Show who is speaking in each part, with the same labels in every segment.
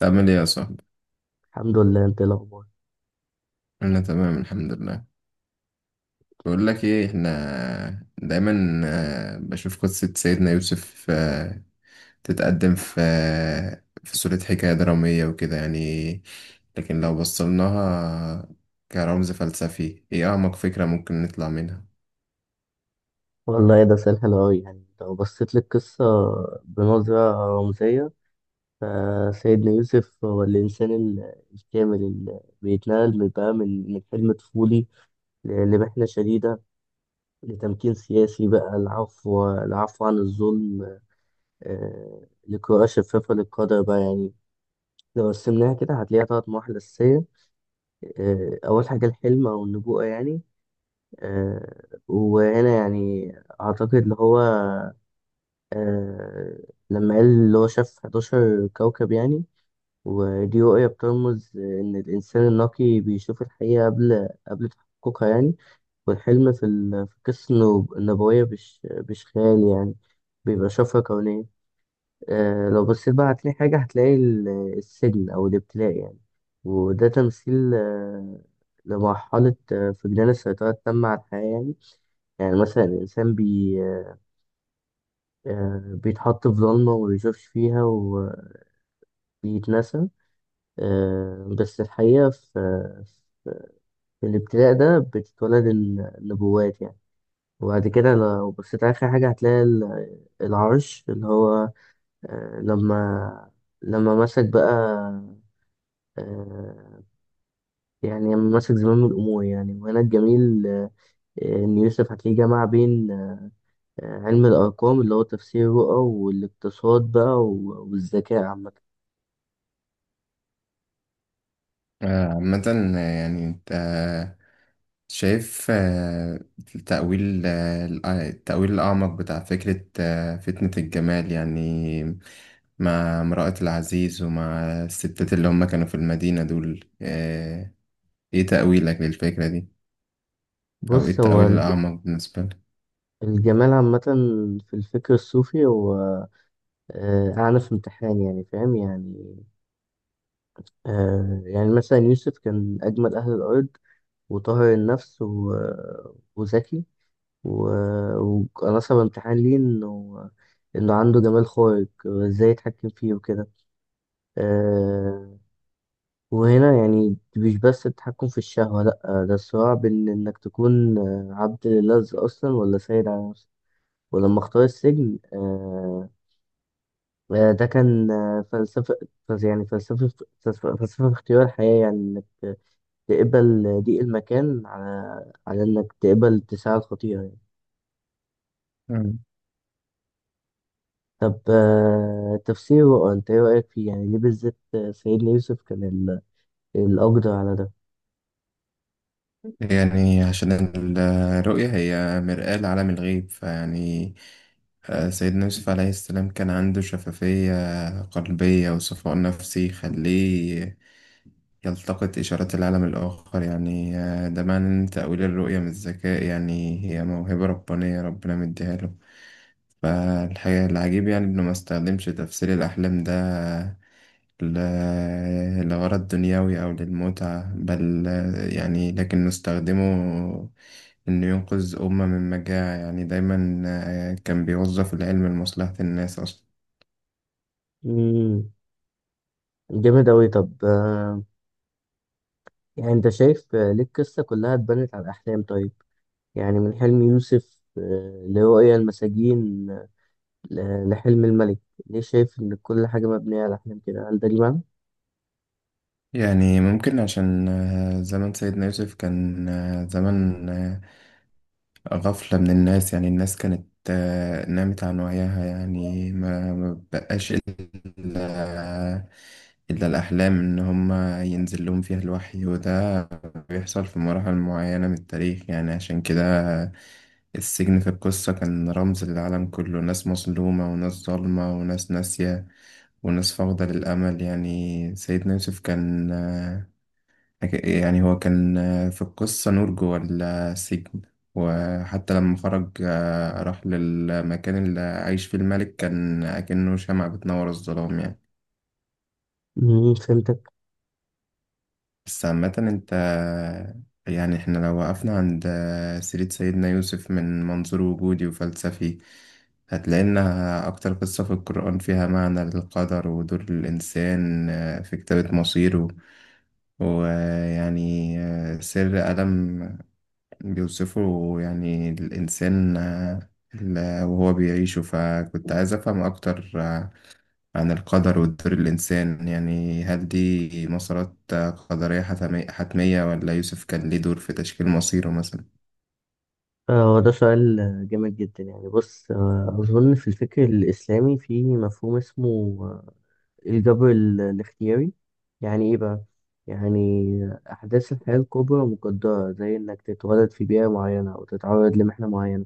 Speaker 1: تعمل ايه يا صاحبي؟
Speaker 2: الحمد لله. انت ايه الاخبار؟
Speaker 1: انا تمام الحمد لله. بقول لك ايه، احنا دايما بشوف قصة سيدنا يوسف تتقدم في صورة حكاية درامية وكده يعني، لكن لو بصلناها كرمز فلسفي ايه اعمق فكرة ممكن نطلع منها؟
Speaker 2: والله ايه ده سؤال حلو قوي. يعني لو بصيت للقصه بنظره رمزيه، فسيدنا يوسف هو الانسان الكامل اللي بيتنقل من بقى من حلم طفولي لمحنه شديده، لتمكين سياسي بقى، العفو عن الظلم، لقراءه شفافه للقدر بقى يعني. لو قسمناها كده هتلاقيها تلات مراحل أساسية. أول حاجة الحلم أو النبوءة يعني. آه، وهنا يعني أعتقد اللي هو، آه لما قال اللي هو شاف 11 كوكب يعني. ودي رؤية بترمز إن الإنسان النقي بيشوف الحقيقة قبل تحققها يعني. والحلم في القصة النبوية مش خيال يعني، بيبقى شفرة كونية. آه لو بصيت بقى هتلاقي حاجة، هتلاقي السجن أو الابتلاء يعني. وده تمثيل لمرحلة فقدان السيطرة التامة على الحياة يعني. يعني مثلا الإنسان بيتحط في ضلمة وما بيشوفش فيها وبيتنسى. بس الحقيقة في الابتلاء ده بتتولد النبوات يعني. وبعد كده لو بصيت على آخر حاجة هتلاقي العرش اللي هو، لما لما مسك بقى، آه، يعني لما مسك زمام الأمور يعني. وهنا الجميل إن يوسف هتلاقيه جمع بين علم الأرقام اللي هو تفسير الرؤى والاقتصاد بقى والذكاء عامة.
Speaker 1: عامة، يعني انت شايف التأويل، التأويل الأعمق بتاع فكرة فتنة الجمال يعني، مع امرأة العزيز ومع الستات اللي هم كانوا في المدينة دول، إيه تأويلك للفكرة دي؟ أو إيه
Speaker 2: بص، هو
Speaker 1: التأويل الأعمق بالنسبة لك؟
Speaker 2: الجمال عامة في الفكر الصوفي هو أعنى في امتحان يعني، فاهم يعني. يعني مثلا يوسف كان أجمل أهل الأرض وطاهر النفس وذكي، وكان أصعب امتحان ليه إنه عنده جمال خارق وإزاي يتحكم فيه وكده. آه، وهنا يعني مش بس التحكم في الشهوة، لأ، ده الصراع بين إنك تكون عبد لله أصلا ولا سيد على نفسك. ولما اختار السجن، ده كان فلسفة، فلس- يعني فلسفة فلسفة في اختيار الحياة يعني. إنك تقبل ضيق المكان على إنك تقبل اتساع الخطيئة يعني.
Speaker 1: مم.
Speaker 2: طب تفسيره أنت إيه رأيك فيه؟ يعني ليه بالذات سيدنا يوسف كان الأقدر على ده؟
Speaker 1: يعني عشان الرؤية هي مرآة لعالم الغيب فيعني، سيدنا يوسف عليه السلام كان عنده شفافية قلبية وصفاء نفسي يخليه يلتقط إشارات العالم الآخر يعني. ده معنى إن تأويل الرؤية من الذكاء، يعني هي موهبة ربانية ربنا مديها له. فالحقيقة العجيب يعني إنه ما استخدمش تفسير الأحلام ده لغرض دنيوي أو للمتعة، بل يعني لكنه استخدمه إنه ينقذ أمة من مجاعة. يعني دايما كان بيوظف العلم لمصلحة الناس أصلا.
Speaker 2: مم. جامد أوي. طب يعني أنت شايف ليه القصة كلها اتبنت على الأحلام طيب؟ يعني من حلم يوسف لرؤيا المساجين لحلم الملك. ليه شايف إن كل حاجة مبنية على أحلام كده؟ هل ده ليه معنى؟
Speaker 1: يعني ممكن عشان زمن سيدنا يوسف كان زمن غفلة من الناس، يعني الناس كانت نامت عن وعيها يعني، ما بقاش إلا إلا الأحلام إن هما ينزل لهم فيها الوحي، وده بيحصل في مراحل معينة من التاريخ. يعني عشان كده السجن في القصة كان رمز للعالم كله، ناس مظلومة وناس ظالمة وناس ناسية وناس فاقدة للأمل يعني. سيدنا يوسف كان هو كان في القصة نور جوه السجن، وحتى لما خرج راح للمكان اللي عايش فيه الملك كان أكنه شمعة بتنور الظلام يعني.
Speaker 2: مم، فهمتك.
Speaker 1: بس عامة أنت، يعني إحنا لو وقفنا عند سيرة سيدنا يوسف من منظور وجودي وفلسفي، هتلاقي إنها أكتر قصة في القرآن فيها معنى للقدر ودور الإنسان في كتابة مصيره. ويعني سر ألم بيوصفوا يعني الإنسان وهو بيعيشه، فكنت عايز أفهم أكتر عن القدر ودور الإنسان، يعني هل دي مسارات قدرية حتمية، ولا يوسف كان ليه دور في تشكيل مصيره مثلا؟
Speaker 2: هو ده سؤال جامد جدا يعني. بص أظن في الفكر الإسلامي في مفهوم اسمه الجبر الاختياري. يعني إيه بقى؟ يعني أحداث الحياة الكبرى مقدرة، زي إنك تتولد في بيئة معينة أو تتعرض لمحنة معينة،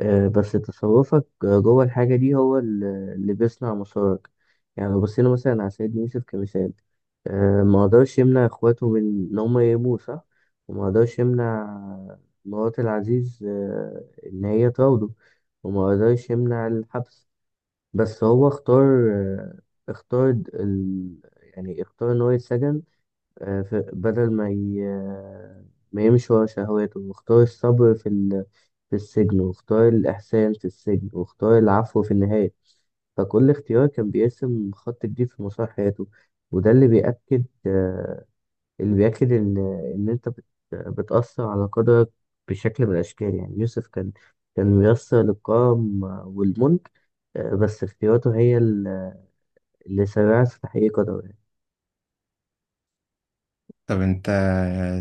Speaker 2: بس تصرفك جوه الحاجة دي هو اللي بيصنع مسارك. يعني لو بصينا مثلا على سيد يوسف كمثال، ما قدرش يمنع اخواته من ان هم يهاجموه، صح؟ وما قدرش يمنع مرات العزيز ان هي تراوده، وما قدرش يمنع الحبس. بس هو اختار، اختار د- ال... يعني اختار ان هو يتسجن. بدل ما ي... آه، ما يمشي ورا شهواته، واختار الصبر في في السجن، واختار الإحسان في السجن، واختار العفو في النهاية. فكل اختيار كان بيرسم خط جديد في مسار حياته. وده اللي بيأكد اللي بيأكد إن أنت بتأثر على قدرك بشكل من الأشكال. يعني يوسف كان ميسر للكرم والملك، بس اختياراته هي اللي سرعت في تحقيق قدره.
Speaker 1: طب أنت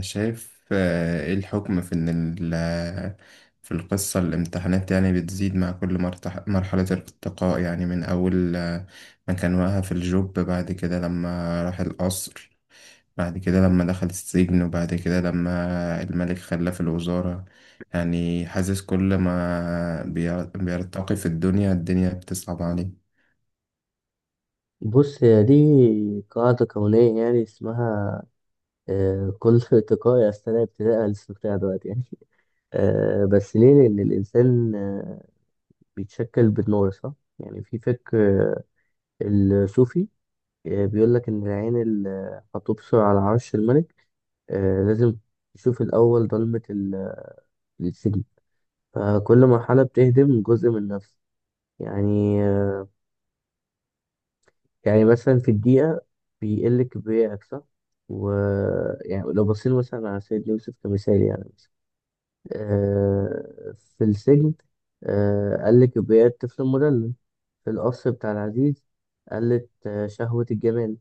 Speaker 1: شايف إيه الحكم في إن في القصة الامتحانات يعني بتزيد مع كل مرحلة الارتقاء، يعني من أول ما كان واقع في الجوب، بعد كده لما راح القصر، بعد كده لما دخل السجن، وبعد كده لما الملك خلاه في الوزارة. يعني حاسس كل ما بيرتقي في الدنيا الدنيا بتصعب عليه.
Speaker 2: بص، هي دي قاعدة كونية يعني، اسمها كل ارتقاء يستدعي ابتداء الاستقطاع دلوقتي يعني. بس ليه؟ لأن الإنسان بيتشكل بالنور، صح؟ يعني في فكر آه، الصوفي بيقول لك إن العين اللي هتبصر على عرش الملك لازم تشوف الأول ضلمة السجن. فكل مرحلة بتهدم جزء من النفس. يعني آه، يعني مثلا في الدقيقة بيقل كبريائك، صح؟ و يعني لو بصينا مثلا على سيد يوسف كمثال، يعني مثلا آه في السجن آه قل كبرياء الطفل المدلل، في القصر بتاع العزيز قلت شهوة الجمال،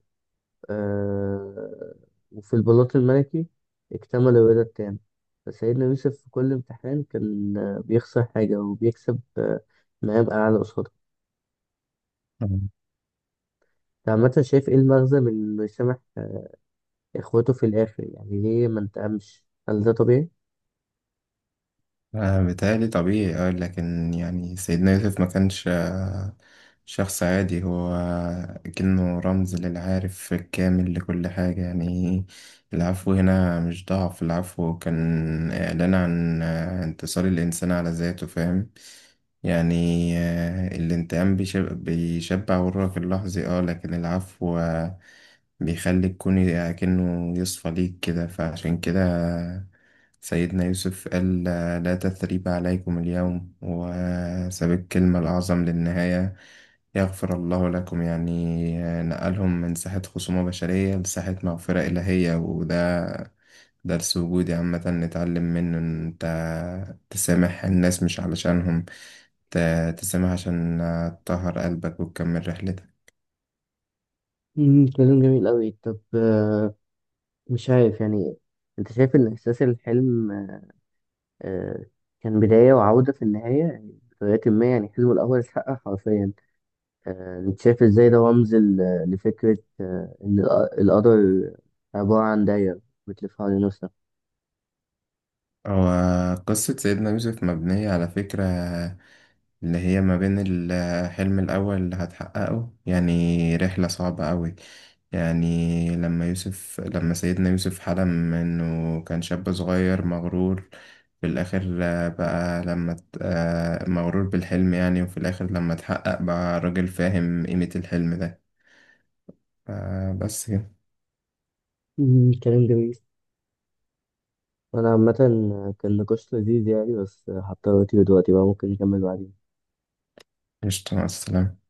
Speaker 2: آه وفي البلاط الملكي اكتمل الرضا التام. فسيدنا يوسف في كل امتحان كان بيخسر حاجة وبيكسب مقام أعلى قصاده. أنت عامة شايف إيه المغزى من إنه يسامح اخوته في الاخر؟ يعني ليه ما انتقمش؟ هل ده طبيعي؟
Speaker 1: بيتهيألي طبيعي، اه، لكن يعني سيدنا يوسف ما كانش شخص عادي، هو كأنه رمز للعارف الكامل لكل حاجة يعني. العفو هنا مش ضعف، العفو كان إعلان عن انتصار الإنسان على ذاته، فاهم يعني. الانتقام بيشبع غرك اللحظي، اه، لكن العفو بيخليك كوني كأنه يصفى ليك كده. فعشان كده سيدنا يوسف قال لا تثريب عليكم اليوم، وساب الكلمة الأعظم للنهاية، يغفر الله لكم يعني. نقلهم من ساحة خصومة بشرية لساحة مغفرة إلهية، وده درس وجودي عامة نتعلم منه، إن أنت تسامح الناس مش علشانهم، تسامح عشان تطهر قلبك وتكمل رحلتك.
Speaker 2: مم، كلام جميل قوي. طب مش عارف يعني، انت شايف ان احساس الحلم آه، كان بداية وعودة في النهاية يعني، بطريقة ما يعني حلمه الأول اتحقق حرفيا. انت شايف ازاي ده رمز لفكرة ان القدر عبارة عن دايرة بتلف حوالين نفسها؟
Speaker 1: هو قصة سيدنا يوسف مبنية على فكرة اللي هي ما بين الحلم الأول اللي هتحققه، يعني رحلة صعبة أوي. يعني لما سيدنا يوسف حلم إنه كان شاب صغير مغرور، في الآخر آه، بقى لما ت- آه، مغرور بالحلم يعني، وفي الآخر لما اتحقق بقى راجل فاهم قيمة الحلم ده. بس كده.
Speaker 2: مم، كلام جميل. وأنا عامة كان نقاش لذيذ يعني. بس هضطر أطير دلوقتي بقى، ممكن نكمل بعدين.
Speaker 1: قشطة، مع السلامة.